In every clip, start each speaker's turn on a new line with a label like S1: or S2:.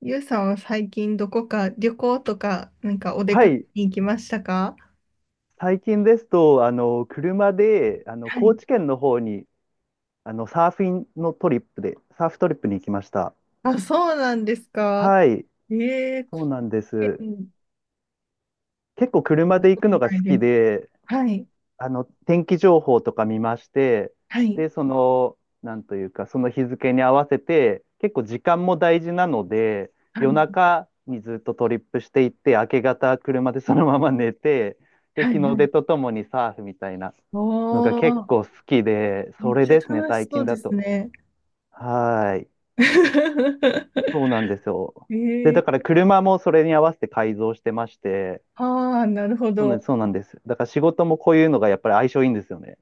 S1: ゆうさんは最近どこか旅行とか、なんかお出
S2: は
S1: かけ
S2: い、
S1: に行きましたか？
S2: 最近ですと、車で、
S1: は
S2: 高
S1: い。
S2: 知県の方に、サーフィンのトリップで、サーフトリップに行きました。
S1: あ、そうなんですか。
S2: はい、
S1: ええー、
S2: そう
S1: 貢
S2: なんで
S1: 献
S2: す。
S1: し
S2: 結構車
S1: た
S2: で行
S1: こ
S2: く
S1: と
S2: のが
S1: ない
S2: 好
S1: で
S2: き
S1: す。
S2: で、
S1: はい。
S2: 天気情報とか見まして、
S1: はい。
S2: で、なんというか、その日付に合わせて、結構時間も大事なので、
S1: は
S2: 夜
S1: い。
S2: 中にずっとトリップしていって、明け方車でそのまま寝て、で、
S1: はい。
S2: 日の
S1: はい。
S2: 出とともにサーフみたいな
S1: お
S2: のが結
S1: ー、
S2: 構好きで、
S1: め
S2: そ
S1: っ
S2: れ
S1: ちゃ
S2: ですね、
S1: 楽し
S2: 最
S1: そ
S2: 近
S1: うで
S2: だ
S1: す
S2: と。
S1: ね。
S2: はーい。そうなんです よ。
S1: え
S2: で、だ
S1: え
S2: から
S1: ー、
S2: 車もそれに合わせて改造してまして、
S1: ああ、なるほ
S2: そうなん
S1: ど。
S2: そうなんです。だから仕事もこういうのがやっぱり相性いいんですよね。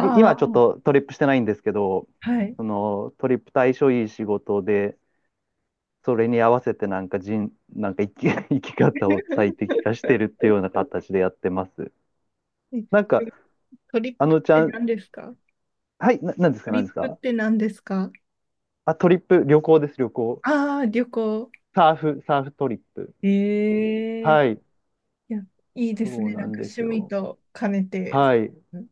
S2: 今ちょっ
S1: あ、
S2: とトリップしてないんですけど、
S1: はい。
S2: そのトリップ対象いい仕事で、それに合わせてなんか人、なんか生き、生き方を最 適化してるっていうような形でやってます。
S1: え
S2: なんか、
S1: トリッ
S2: あ
S1: プっ
S2: のち
S1: て
S2: ゃん、
S1: 何ですか？
S2: はい、なんです
S1: ト
S2: か、な
S1: リ
S2: ん
S1: ッ
S2: です
S1: プっ
S2: か。
S1: て何ですか？
S2: あ、トリップ、旅行です、旅行。
S1: ああー、旅行。
S2: サーフトリップっていう。
S1: えい
S2: はい、
S1: や、いいです
S2: そう
S1: ね。
S2: な
S1: なん
S2: ん
S1: か
S2: です
S1: 趣味
S2: よ。
S1: と兼ねて。
S2: はい、
S1: うん。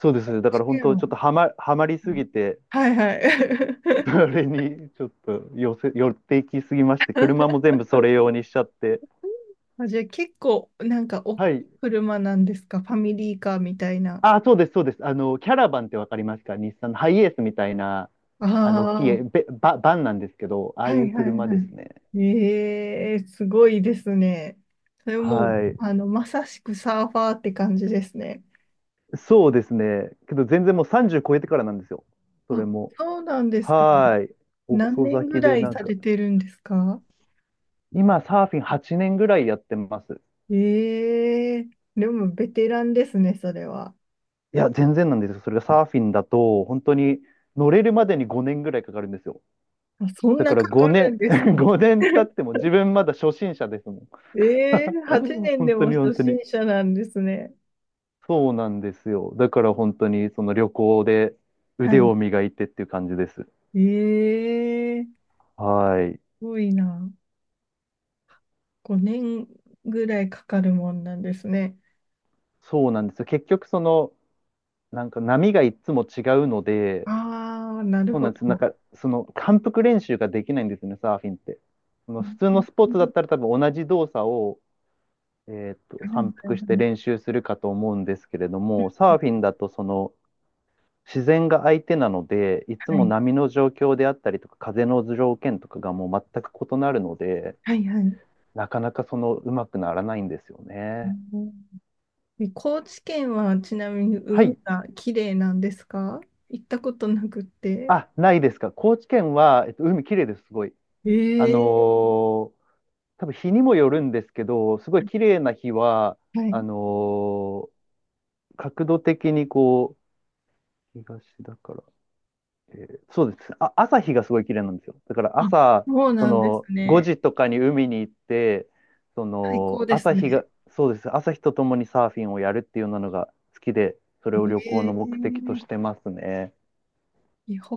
S2: そうです。だか
S1: 試
S2: ら本
S1: 験
S2: 当、
S1: は、
S2: ちょっとはまりすぎて、
S1: はいはいはい。
S2: それにちょっと寄っていきすぎまして、車も全部それ用にしちゃって。
S1: あ、じゃあ結構なんか大き
S2: はい、
S1: い車なんですか？ファミリーカーみたいな。
S2: あ、そうです、そうです。キャラバンってわかりますか？日産のハイエースみたいな、
S1: あ
S2: 大きい
S1: あ、
S2: バンなんですけど、ああ
S1: は
S2: いう
S1: いはい
S2: 車
S1: は
S2: ですね。
S1: い。ええ、すごいですね。それもう、
S2: はい。
S1: あの、まさしくサーファーって感じですね。
S2: そうですね。けど全然もう30超えてからなんですよ。それ
S1: あ、
S2: も。
S1: そうなんですか。
S2: はい。
S1: 何
S2: 遅
S1: 年
S2: 咲
S1: ぐ
S2: き
S1: ら
S2: で
S1: い
S2: なん
S1: さ
S2: か、
S1: れてるんですか？
S2: 今サーフィン8年ぐらいやってます。
S1: ええ、でもベテランですね、それは。
S2: いや、全然なんですよ。それがサーフィンだと、本当に乗れるまでに5年ぐらいかかるんですよ。
S1: あ、そん
S2: だか
S1: な
S2: ら
S1: かかる
S2: 5
S1: んです
S2: 年、
S1: か。
S2: 5年経っても自分まだ初心者ですもん。
S1: ええ、 8年
S2: 本
S1: で
S2: 当
S1: も
S2: に本
S1: 初
S2: 当
S1: 心
S2: に。
S1: 者なんですね。
S2: そうなんですよ。だから本当にその旅行で
S1: は
S2: 腕
S1: い。
S2: を磨いてっていう感じです。
S1: ええー
S2: はい。
S1: すごいな。5年ぐらいかかるもんなんですね。
S2: そうなんですよ。結局なんか波がいつも違うので、
S1: ああ、なる
S2: そうな
S1: ほ
S2: んです。なん
S1: ど。
S2: かその反復練習ができないんですよね、サーフィンって。その
S1: う
S2: 普通の
S1: ん
S2: スポー
S1: う
S2: ツだ
S1: ん、
S2: ったら多分同じ動作を、
S1: は
S2: 反復して練
S1: い、
S2: 習するかと思うんですけれども、サーフィンだとその自然が相手なので、いつ
S1: はい、
S2: も
S1: はい。
S2: 波の状況であったりとか、風の条件とかがもう全く異なるので、
S1: はい、はいはい、
S2: なかなかそのうまくならないんですよ
S1: う
S2: ね。
S1: ん。高知県はちなみに
S2: は
S1: 海
S2: い。
S1: が綺麗なんですか？行ったことなくて。
S2: あ、ないですか？高知県は、海綺麗です、すごい。あの
S1: ええ、
S2: ー多分日にもよるんですけど、すごい綺麗な日は、
S1: はい。
S2: あのー角度的にこう、東だから、そうです。あ、朝日がすごい綺麗なんですよ。だから
S1: あ、
S2: 朝、
S1: そう
S2: そ
S1: なんです
S2: の5
S1: ね。
S2: 時とかに海に行って、そ
S1: 最高
S2: の
S1: です
S2: 朝日が、
S1: ね。
S2: そうです。朝日とともにサーフィンをやるっていうようなのが好きで、それを旅行の目的と
S1: ええ、
S2: してますね。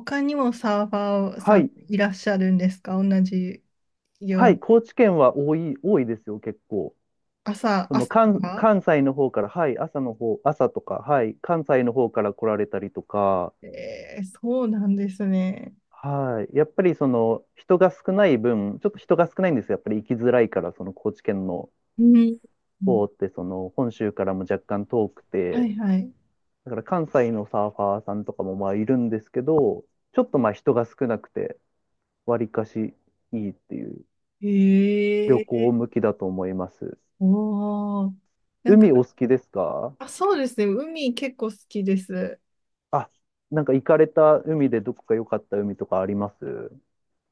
S1: 他にもサーファー
S2: は
S1: さん
S2: い。
S1: いらっしゃるんですか、同じよう
S2: はい。
S1: に？
S2: 高知県は多い、多いですよ、結構。
S1: 朝、
S2: その
S1: 朝が
S2: 関西の方から、はい。朝の方、朝とか、はい。関西の方から来られたりとか、
S1: ええ、そうなんですね。
S2: はい。やっぱりその人が少ない分、ちょっと人が少ないんですよ。やっぱり行きづらいから、その高知県の
S1: うん。
S2: 方ってその本州からも若干遠く
S1: は
S2: て、
S1: いはい。
S2: だから関西のサーファーさんとかもまあいるんですけど、ちょっとまあ人が少なくて、わりかしいいっていう旅
S1: ええ、
S2: 行向きだと思います。
S1: おお。なんか、
S2: 海お好きですか？
S1: あ、そうですね。海結構好きです。
S2: あ、なんか行かれた海でどこか良かった海とかあります？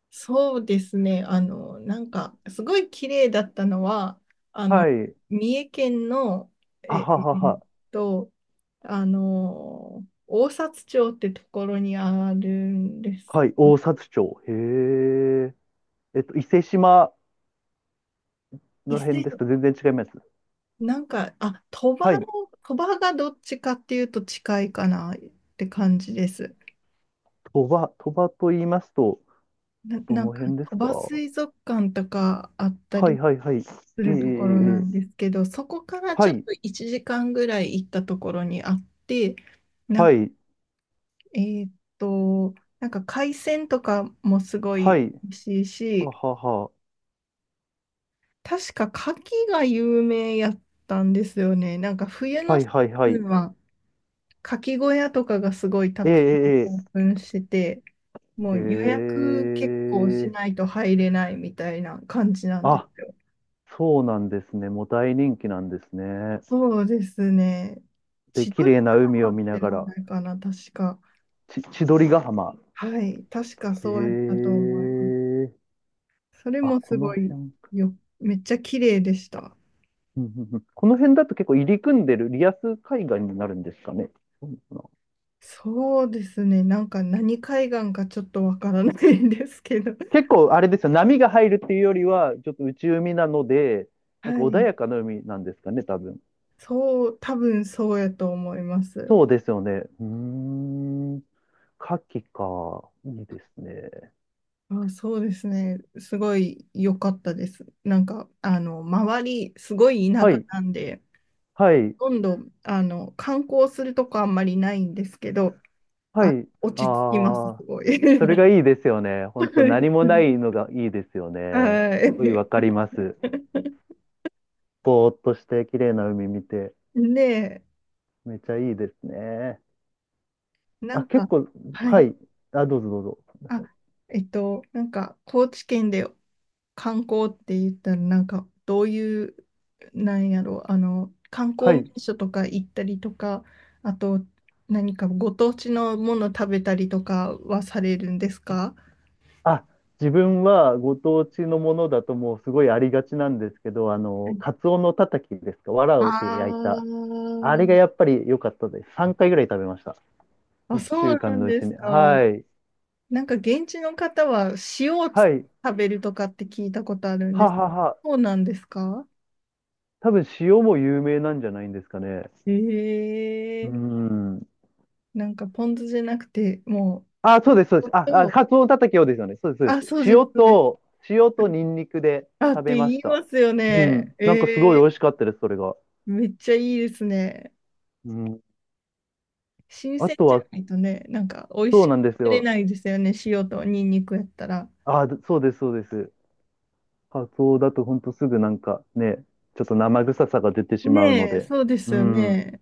S1: そうですね。あの、なんか、すごい綺麗だったのは、あの、
S2: はい。
S1: 三重県の、え
S2: は
S1: え
S2: はは
S1: ーっ
S2: は。
S1: と、あの、大札町ってところにあるんです。
S2: はい。大札町。へえ。伊勢島
S1: 伊
S2: の辺
S1: 勢、
S2: ですか？全然違います。
S1: なんか、あ、鳥
S2: は
S1: 羽の、
S2: い。
S1: 鳥羽がどっちかっていうと近いかなって感じです。
S2: 鳥羽、鳥羽と言いますと、
S1: な、
S2: ど
S1: なん
S2: の
S1: か、
S2: 辺です
S1: 鳥
S2: か？
S1: 羽
S2: は
S1: 水族館とかあった
S2: い
S1: り、
S2: はいはい。
S1: す
S2: ええええ
S1: るところな
S2: え
S1: んです
S2: え。
S1: けど、そこから
S2: は
S1: ちょっ
S2: い。
S1: と1時間ぐらい行ったところにあって、なん
S2: は
S1: か、
S2: い。
S1: えーっと、なんか海鮮とかもすごい
S2: はい。
S1: 美味しいし、
S2: ははは。
S1: 確か牡蠣が有名やったんですよね。なんか冬の
S2: はい
S1: シ
S2: はいは
S1: ーズン
S2: い。
S1: は牡蠣小屋とかがすごいた
S2: え
S1: くさん
S2: え
S1: オー
S2: え
S1: プンしてて、も
S2: ええ
S1: う予約結構し
S2: ええ
S1: な
S2: え。
S1: いと入れないみたいな感じなんで
S2: あ、
S1: すよ。
S2: そうなんですね。もう大人気なんですね。
S1: そうですね。
S2: で、
S1: 千
S2: 綺
S1: 鳥
S2: 麗な
S1: ヶ
S2: 海を
S1: 浜っ
S2: 見
S1: て
S2: なが
S1: 名
S2: ら。
S1: 前かな、確か。
S2: 千鳥ヶ浜。
S1: はい、確か
S2: へ
S1: そうやったと
S2: え。
S1: 思います。それ
S2: あ、
S1: も
S2: こ
S1: す
S2: の
S1: ごい
S2: 辺。
S1: よ、めっちゃ綺麗でした。
S2: うんうんうん。この辺だと結構入り組んでるリアス海岸になるんですかね？そうなのかな。
S1: そうですね、なんか何海岸かちょっとわからないんですけど、
S2: 結構あれですよ、波が入るっていうよりは、ちょっと内海なので、
S1: は
S2: なんか穏
S1: い、
S2: やかな海なんですかね、多分。
S1: そう、多分そうやと思います。
S2: そうですよね。うーん。牡蠣か。いいですね。
S1: あ、そうですね、すごい良かったです。なんか、あの、周り、すごい田
S2: は
S1: 舎
S2: い。
S1: なんで、
S2: はい。
S1: ほとんど、あの、観光するとこあんまりないんですけど、
S2: は
S1: あ、
S2: い。
S1: 落ち着きます、す
S2: ああ。
S1: ご
S2: それが
S1: い。
S2: いいですよね。本当何もないの がいいですよね。
S1: は
S2: すごいわかり
S1: い。
S2: ます。ぼーっとして綺麗な海見て、
S1: で、
S2: めちゃいいですね。
S1: な
S2: あ、
S1: ん
S2: 結
S1: か、
S2: 構、
S1: はい。
S2: はい。あ、どうぞどうぞ。
S1: あ、なんか、高知県で観光って言ったら、なんか、どういう、なんやろう、あの、観
S2: は
S1: 光名
S2: い。
S1: 所とか行ったりとか、あと、何かご当地のもの食べたりとかはされるんですか？
S2: あ、自分はご当地のものだともうすごいありがちなんですけど、
S1: はい。
S2: カツオのたたきですか、
S1: あ
S2: 藁で焼いた。あれがや
S1: ー。
S2: っぱり良かったです。3回ぐらい食べました。
S1: あ、
S2: 1
S1: そう
S2: 週
S1: な
S2: 間
S1: ん
S2: のう
S1: で
S2: ち
S1: す
S2: に。
S1: か。
S2: はい。
S1: なんか現地の方は塩を
S2: はい。
S1: 食べるとかって聞いたことあるんで
S2: は
S1: す。
S2: はは。
S1: そうなんですか？
S2: 多分塩も有名なんじゃないんですかね。う
S1: ええ。
S2: ん。
S1: なんかポン酢じゃなくて、も
S2: あ、そうです、そうで
S1: う、お
S2: す。あ、
S1: と、
S2: カツオたたきをですよね。そうです、
S1: あ、
S2: そうで
S1: そう
S2: す。
S1: です、
S2: 塩
S1: そうです。
S2: と、塩とニンニクで
S1: あ、っ
S2: 食
S1: て
S2: べま
S1: 言
S2: し
S1: い
S2: た。
S1: ますよ
S2: う
S1: ね。
S2: ん。
S1: え
S2: なんかすごい美味し
S1: え、
S2: かったです、それが。
S1: めっちゃいいですね。
S2: うん。
S1: 新
S2: あ
S1: 鮮
S2: と
S1: じゃ
S2: は、
S1: ないとね、なんか美味
S2: そ
S1: し
S2: う
S1: く
S2: なんです
S1: 食べれ
S2: よ。
S1: ないですよね。塩とニンニクやったら。
S2: あ、そうです、そうです。カツオだとほんとすぐなんかね、ちょっと生臭さが出てしまうの
S1: ねえ、
S2: で。
S1: そうです
S2: う
S1: よ
S2: ん。
S1: ね。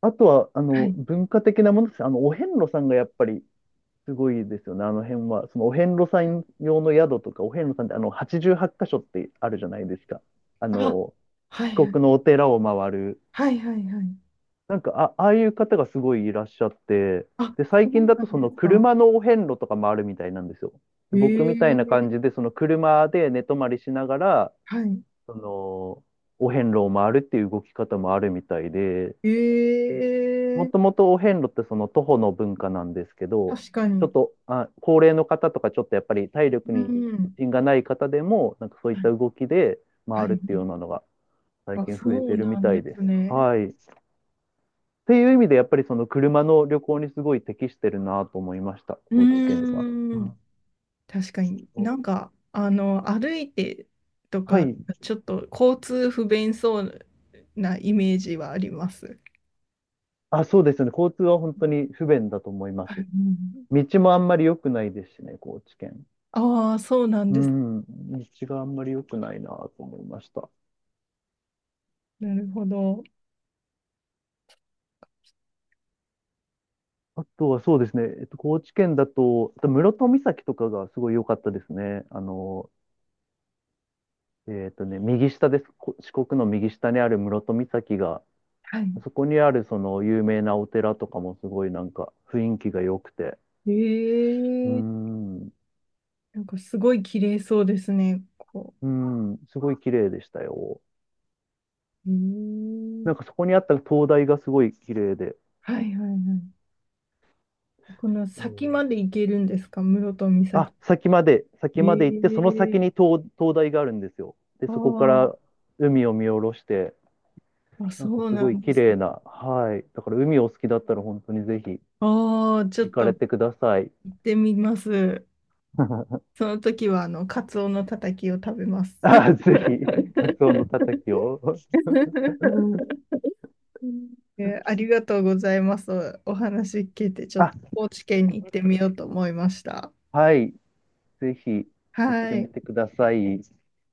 S2: あとは、
S1: はい。
S2: 文化的なものです。お遍路さんがやっぱりすごいですよね、あの辺は。そのお遍路さん用の宿とか、お遍路さんってあの88箇所ってあるじゃないですか。あ
S1: あ、
S2: の、
S1: はい
S2: 四
S1: はい。
S2: 国のお寺を回る。
S1: はいはいはい。
S2: なんか、あ、ああいう方がすごいいらっしゃって、
S1: あ、
S2: で、
S1: そ
S2: 最近
S1: う
S2: だ
S1: な
S2: と
S1: ん
S2: そ
S1: です
S2: の
S1: か。
S2: 車のお遍路とか回るみたいなんですよ。で、僕みたいな感
S1: ええ、
S2: じで、その車で寝泊まりしながら、
S1: はい。
S2: その、お遍路を回るっていう動き方もあるみたいで、も
S1: え
S2: と
S1: え、
S2: もとお遍路ってその徒歩の文化なんですけど、
S1: 確か
S2: ちょ
S1: に。
S2: っと、あ、高齢の方とかちょっとやっぱり体力
S1: う
S2: に自
S1: ん。
S2: 信がない方でも、なんかそういっ
S1: は
S2: た
S1: い。
S2: 動きで
S1: は
S2: 回るっ
S1: い。
S2: ていうようなのが最
S1: あ、
S2: 近増え
S1: そ
S2: て
S1: う
S2: るみ
S1: なん
S2: た
S1: で
S2: いです。
S1: すね。
S2: はい。っていう意味でやっぱりその車の旅行にすごい適してるなと思いました、
S1: う
S2: 高知県は。
S1: ーん。確かに。
S2: うん。
S1: なんか、あの、歩いてと
S2: は
S1: か、
S2: い。
S1: ちょっと交通不便そうなイメージはあります。
S2: あ、そうですよね。交通は本当に不便だと思いま
S1: は
S2: す。
S1: い。
S2: 道もあんまり良くないですしね、高知県。
S1: ああー、そうなん
S2: う
S1: です。
S2: ん。道があんまり良くないなと思いました。
S1: なるほど。
S2: あとはそうですね、高知県だと、あと室戸岬とかがすごい良かったですね。右下です。四国の右下にある室戸岬が、
S1: はい。
S2: あそこにあるその有名なお寺とかもすごいなんか雰囲気が良くて、
S1: え
S2: うー
S1: え、
S2: ん、う
S1: なんかすごい綺麗そうですね。こ
S2: ーん、すごい綺麗でしたよ。
S1: う。え
S2: なんか
S1: え、
S2: そこにあった灯台がすごい綺麗で、
S1: はいはいはい。この
S2: え
S1: 先ま
S2: ー
S1: で行けるんですか、室戸
S2: あ、
S1: 岬？
S2: 先まで、先まで行って、その
S1: え
S2: 先
S1: え、
S2: に灯台があるんですよ。で、そこから
S1: あ
S2: 海を見下ろして、
S1: あ、あ
S2: な
S1: そ
S2: んか
S1: う
S2: す
S1: な
S2: ごい
S1: んで
S2: 綺
S1: す。
S2: 麗な、はい。だから海お好きだったら本当にぜひ
S1: ああ、ちょっ
S2: 行か
S1: と
S2: れ
S1: 行
S2: てください。
S1: ってみます。その時は、あの、カツオのたたきを食べます。
S2: あ、ぜひ、カツオのた たきを。
S1: ありがとうございます。お話聞いて、ちょっ
S2: あ、
S1: と高知県に行ってみようと思いました。
S2: はい。ぜひ行っ
S1: は
S2: て
S1: い、
S2: みて
S1: あ
S2: ください。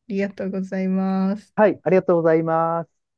S1: りがとうございます。
S2: はい、ありがとうございます。